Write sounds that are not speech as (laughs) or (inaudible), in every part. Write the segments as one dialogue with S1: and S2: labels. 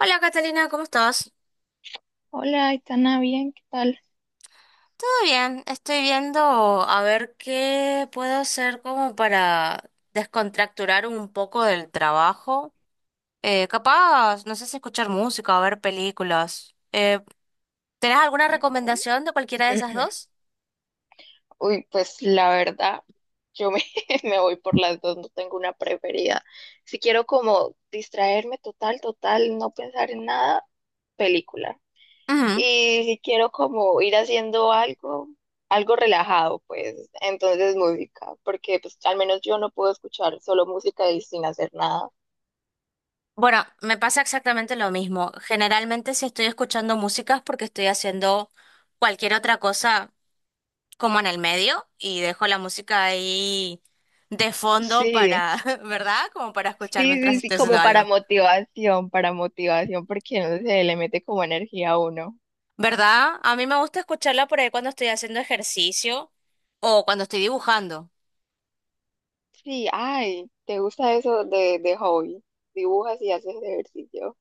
S1: Hola Catalina, ¿cómo estás?
S2: Hola, Aitana, bien, ¿qué tal?
S1: Todo bien, estoy viendo a ver qué puedo hacer como para descontracturar un poco del trabajo. Capaz, no sé si escuchar música o ver películas. ¿Tenés alguna recomendación de cualquiera de esas dos?
S2: (clears throat) Uy, pues la verdad, yo me, (laughs) me voy por las dos, no tengo una preferida. Si quiero como distraerme total, total, no pensar en nada, película.
S1: Ujú.
S2: Y si quiero como ir haciendo algo, algo relajado, pues entonces música, porque pues al menos yo no puedo escuchar solo música y sin hacer nada.
S1: Bueno, me pasa exactamente lo mismo. Generalmente si estoy escuchando música es porque estoy haciendo cualquier otra cosa como en el medio y dejo la música ahí de fondo
S2: Sí.
S1: para, (laughs) ¿verdad? Como para
S2: Sí,
S1: escuchar mientras
S2: sí, sí,
S1: estoy haciendo
S2: como
S1: algo.
S2: para motivación, porque no sé, le mete como energía a uno.
S1: ¿Verdad? A mí me gusta escucharla por ahí cuando estoy haciendo ejercicio o cuando estoy dibujando.
S2: Sí, ay, ¿te gusta eso de hobby? Dibujas y haces ejercicio.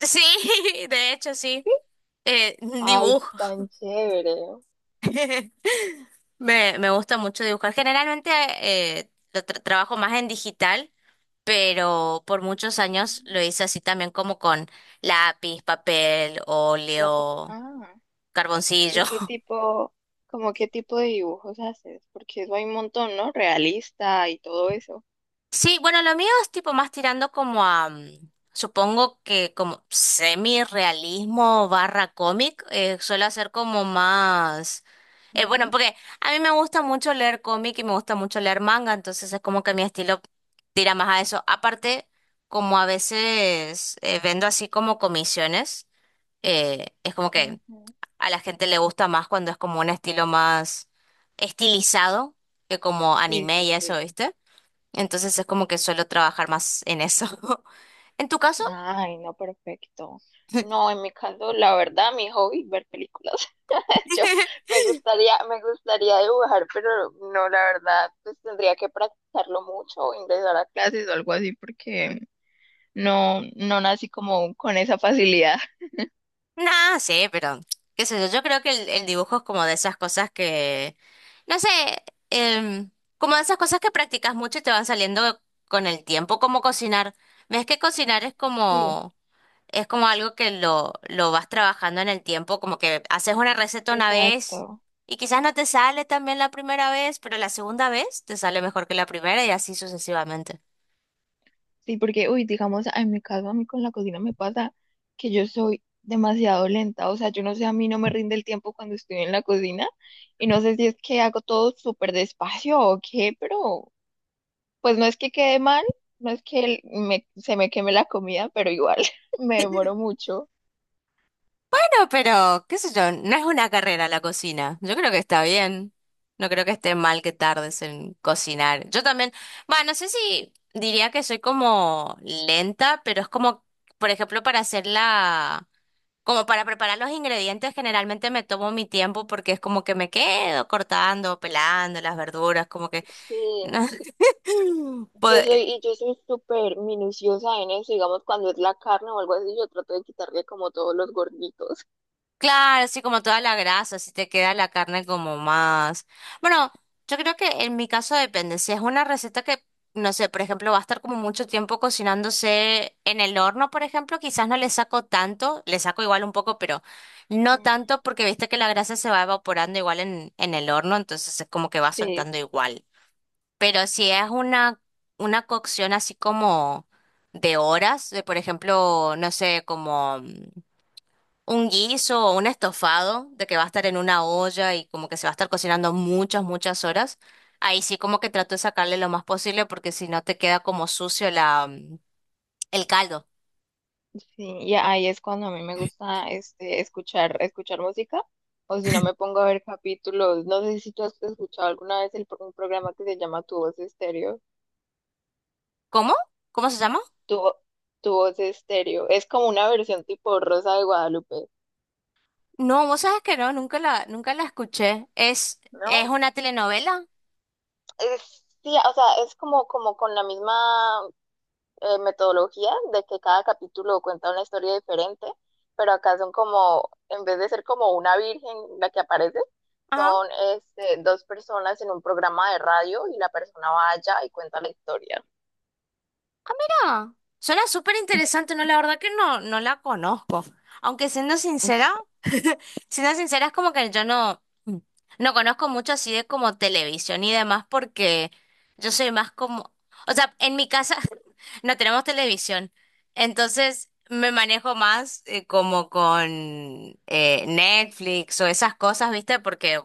S1: Sí, (laughs) de hecho sí.
S2: (laughs)
S1: Eh,
S2: Ay,
S1: Dibujo.
S2: tan chévere.
S1: (laughs) Me gusta mucho dibujar. Generalmente lo trabajo más en digital, pero por muchos años lo hice así también como con lápiz, papel,
S2: La persona-
S1: óleo,
S2: ah, ¿Y
S1: carboncillo.
S2: qué tipo, como qué tipo de dibujos haces? Porque eso hay un montón, ¿no? Realista y todo eso.
S1: Sí, bueno, lo mío es tipo más tirando como a, supongo que como semi-realismo barra cómic, suelo hacer como más, bueno,
S2: Ujú,
S1: porque a mí me gusta mucho leer cómic y me gusta mucho leer manga, entonces es como que mi estilo tira más a eso. Aparte, como a veces vendo así como comisiones, es como que
S2: ujú.
S1: a la gente le gusta más cuando es como un estilo más estilizado que como
S2: Sí,
S1: anime
S2: sí,
S1: y eso,
S2: sí.
S1: ¿viste? Entonces es como que suelo trabajar más en eso. (laughs) ¿En tu caso?
S2: Ay, no, perfecto. No, en mi caso, la verdad, mi hobby es ver películas. (laughs) Yo
S1: (laughs)
S2: me gustaría dibujar, pero no, la verdad, pues tendría que practicarlo mucho o ingresar a clases o algo así, porque no, no nací como con esa facilidad.
S1: Nah, sí, pero qué sé yo, yo creo que el dibujo es como de esas cosas que, no sé, em, como de esas cosas que practicas mucho y te van saliendo con el tiempo, como cocinar. Ves que cocinar
S2: Sí,
S1: es como algo que lo vas trabajando en el tiempo, como que haces una receta una vez
S2: exacto.
S1: y quizás no te sale tan bien la primera vez, pero la segunda vez te sale mejor que la primera y así sucesivamente.
S2: Sí, porque, uy, digamos, en mi caso, a mí con la cocina me pasa que yo soy demasiado lenta, o sea, yo no sé, a mí no me rinde el tiempo cuando estoy en la cocina y no sé si es que hago todo súper despacio o qué, pero pues no es que quede mal, no es que se me queme la comida, pero igual (laughs) me demoro mucho.
S1: Bueno, pero, qué sé yo, no es una carrera la cocina. Yo creo que está bien. No creo que esté mal que tardes en cocinar. Yo también, bueno, no sé si diría que soy como lenta, pero es como, por ejemplo, para hacer como para preparar los ingredientes, generalmente me tomo mi tiempo porque es como que me quedo cortando, pelando las verduras, como que...
S2: Sí,
S1: (laughs) pod-
S2: y yo soy súper minuciosa en eso, digamos, cuando es la carne o algo así, yo trato de quitarle como todos los gorditos.
S1: Claro, así como toda la grasa, así te queda la carne como más. Bueno, yo creo que en mi caso depende. Si es una receta que, no sé, por ejemplo, va a estar como mucho tiempo cocinándose en el horno, por ejemplo, quizás no le saco tanto, le saco igual un poco, pero no
S2: Mm.
S1: tanto porque viste que la grasa se va evaporando igual en el horno, entonces es como que va
S2: Sí.
S1: soltando igual. Pero si es una cocción así como de horas, de por ejemplo, no sé, como un guiso o un estofado de que va a estar en una olla y como que se va a estar cocinando muchas, muchas horas, ahí sí como que trato de sacarle lo más posible porque si no te queda como sucio el caldo.
S2: Sí, y ahí es cuando a mí me gusta este, escuchar, escuchar música, o si no me pongo a ver capítulos. No sé si tú has escuchado alguna vez un programa que se llama Tu Voz Estéreo.
S1: ¿Cómo? ¿Cómo se llama?
S2: Tu, Vo- Tu Voz Estéreo. Es como una versión tipo Rosa de Guadalupe,
S1: No, vos sabes que no, nunca la escuché. Es
S2: ¿no?
S1: una telenovela.
S2: Es, sí, o sea, es como, como con la misma metodología de que cada capítulo cuenta una historia diferente, pero acá son como, en vez de ser como una virgen la que aparece,
S1: Ajá.
S2: son este, dos personas en un programa de radio y la persona va allá y cuenta la historia.
S1: Ah, suena súper interesante, no, la verdad que no, no la conozco. Aunque siendo sincera,
S2: Sí,
S1: (laughs) siendo sincera es como que yo no, no conozco mucho así de como televisión y demás porque yo soy más como, o sea, en mi casa (laughs) no tenemos televisión, entonces me manejo más como con Netflix o esas cosas, ¿viste? Porque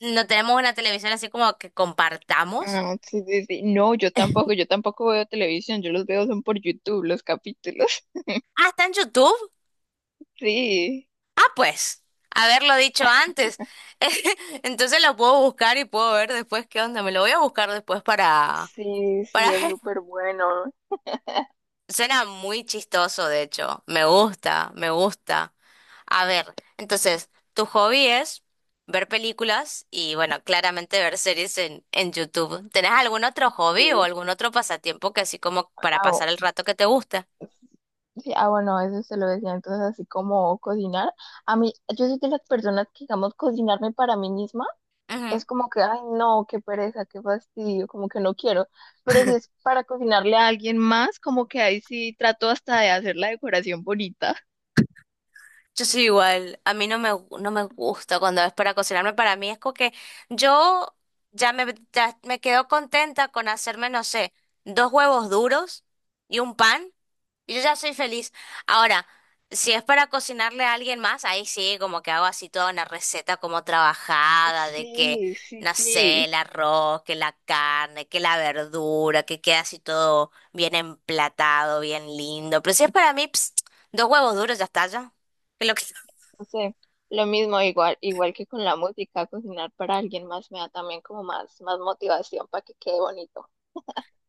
S1: no tenemos una televisión así como que compartamos.
S2: ah, sí, sí, sí. No, yo tampoco veo televisión, yo los veo son por YouTube los capítulos. (laughs)
S1: Ah, está en YouTube.
S2: Sí.
S1: Ah, pues, haberlo dicho antes. (laughs) Entonces lo puedo buscar y puedo ver después qué onda. Me lo voy a buscar después
S2: Sí,
S1: para
S2: sí, es
S1: ver. (laughs)
S2: súper bueno.
S1: Suena muy chistoso, de hecho. Me gusta, me gusta. A ver, entonces, tu hobby es ver películas y, bueno, claramente ver series en YouTube. ¿Tenés algún otro hobby o
S2: Sí.
S1: algún otro pasatiempo que así como para
S2: Ah,
S1: pasar el rato que te gusta?
S2: sí, ah, bueno, eso se lo decía, entonces así como cocinar. A mí, yo soy de las personas que, digamos, cocinarme para mí misma es como que, ay, no, qué pereza, qué fastidio, como que no quiero. Pero si es para cocinarle a alguien más, como que ahí sí trato hasta de hacer la decoración bonita.
S1: Yo soy igual, a mí no no me gusta cuando es para cocinarme, para mí es como que yo ya me quedo contenta con hacerme, no sé, dos huevos duros y un pan, y yo ya soy feliz. Ahora, si es para cocinarle a alguien más, ahí sí, como que hago así toda una receta como trabajada, de que,
S2: Sí, sí,
S1: no sé,
S2: sí.
S1: el arroz, que la carne, que la verdura, que queda así todo bien emplatado, bien lindo, pero si es para mí, ps, dos huevos duros, ya está, ya. Lo que- (laughs)
S2: No sé, lo mismo, igual, igual que con la música, cocinar para alguien más me da también como más, más motivación para que quede bonito.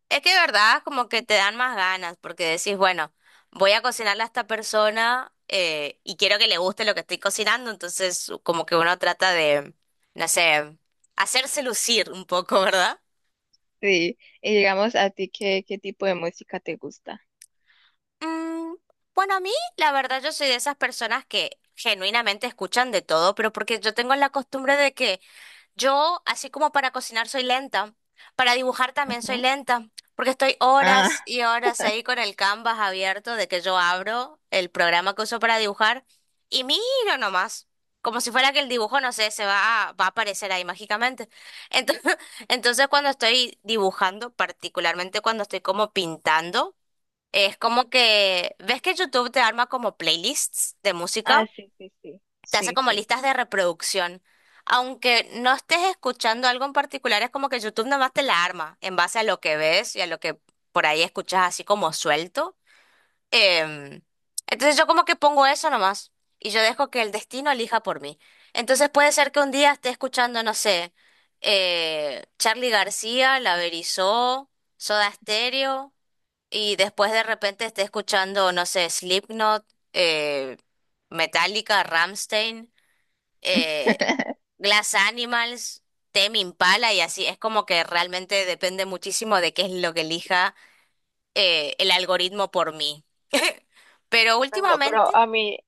S1: es que de verdad como que te dan más ganas porque decís, bueno, voy a cocinarle a esta persona y quiero que le guste lo que estoy cocinando, entonces como que uno trata de, no sé, hacerse lucir un poco, ¿verdad?
S2: Sí, y digamos, ¿a ti qué, qué tipo de música te gusta?
S1: Mm, bueno, a mí la verdad yo soy de esas personas que genuinamente escuchan de todo, pero porque yo tengo la costumbre de que yo, así como para cocinar soy lenta, para dibujar también soy lenta, porque estoy horas
S2: Ah,
S1: y horas ahí con el Canvas abierto de que yo abro el programa que uso para dibujar y miro nomás, como si fuera que el dibujo, no sé, va a aparecer ahí mágicamente. Entonces, (laughs) entonces cuando estoy dibujando, particularmente cuando estoy como pintando, es como que, ¿ves que YouTube te arma como playlists de música?
S2: ah, sí, sí, sí,
S1: Te hace
S2: sí,
S1: como
S2: sí.
S1: listas de reproducción. Aunque no estés escuchando algo en particular, es como que YouTube nada más te la arma en base a lo que ves y a lo que por ahí escuchas así como suelto. Em, entonces yo como que pongo eso nomás y yo dejo que el destino elija por mí. Entonces puede ser que un día esté escuchando, no sé, Charly García, La Berizó, Soda Stereo y después de repente esté escuchando, no sé, Slipknot, eh, Metallica, Rammstein eh, Glass Animals, Tame Impala y así. Es como que realmente depende muchísimo de qué es lo que elija el algoritmo por mí. (laughs) Pero
S2: Ay, no,
S1: últimamente,
S2: pero a mí,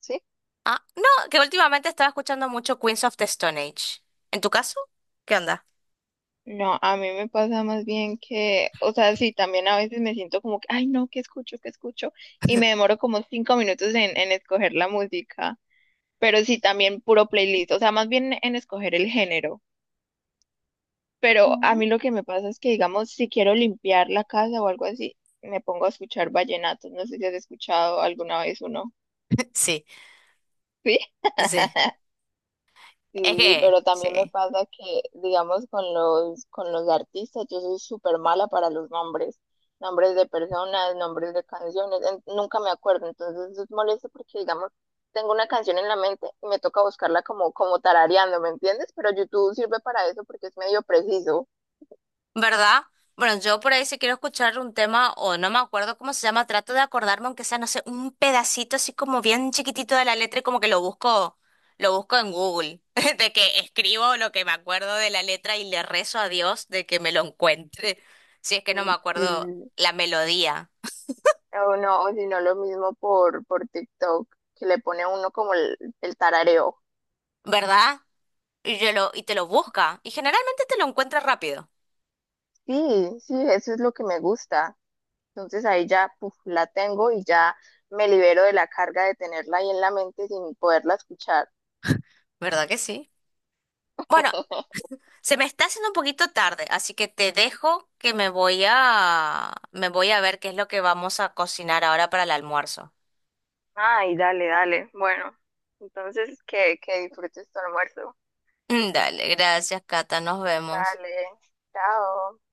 S2: sí.
S1: ah, no, que últimamente estaba escuchando mucho Queens of the Stone Age. ¿En tu caso? ¿Qué onda?
S2: No, a mí me pasa más bien que, o sea, sí, también a veces me siento como que, ay, no, ¿qué escucho? ¿Qué escucho? Y me demoro como 5 minutos en escoger la música, pero sí, también puro playlist, o sea, más bien en escoger el género. Pero a
S1: Mm.
S2: mí lo que me pasa es que, digamos, si quiero limpiar la casa o algo así, me pongo a escuchar vallenatos. No sé si has escuchado alguna vez uno.
S1: (laughs) Sí,
S2: Sí.
S1: sí.
S2: (laughs)
S1: Es
S2: Sí,
S1: que,
S2: pero también me
S1: sí.
S2: pasa que, digamos, con con los artistas, yo soy súper mala para los nombres, nombres de personas, nombres de canciones, en- nunca me acuerdo, entonces es molesto porque, digamos, tengo una canción en la mente y me toca buscarla como, como tarareando, ¿me entiendes? Pero YouTube sirve para eso porque es medio preciso.
S1: ¿Verdad? Bueno, yo por ahí si quiero escuchar un tema, o no me acuerdo cómo se llama, trato de acordarme, aunque sea, no sé, un pedacito así como bien chiquitito de la letra y como que lo busco en Google, (laughs) de que escribo lo que me acuerdo de la letra y le rezo a Dios de que me lo encuentre, (laughs) si es que no me
S2: Mm.
S1: acuerdo
S2: Sí.
S1: la melodía,
S2: O no, o si no, lo mismo por TikTok, que le pone a uno como el tarareo.
S1: ¿verdad? Y te lo busca, y generalmente te lo encuentra rápido,
S2: Sí, sí, eso es lo que me gusta. Entonces ahí ya puf, la tengo y ya me libero de la carga de tenerla ahí en la mente sin poderla escuchar.
S1: ¿verdad que sí? Bueno,
S2: (laughs)
S1: se me está haciendo un poquito tarde, así que te dejo que me voy a ver qué es lo que vamos a cocinar ahora para el almuerzo.
S2: Ay, dale, dale. Bueno, entonces que disfrutes tu almuerzo.
S1: (laughs) Dale, gracias, Cata, nos vemos.
S2: Dale, chao.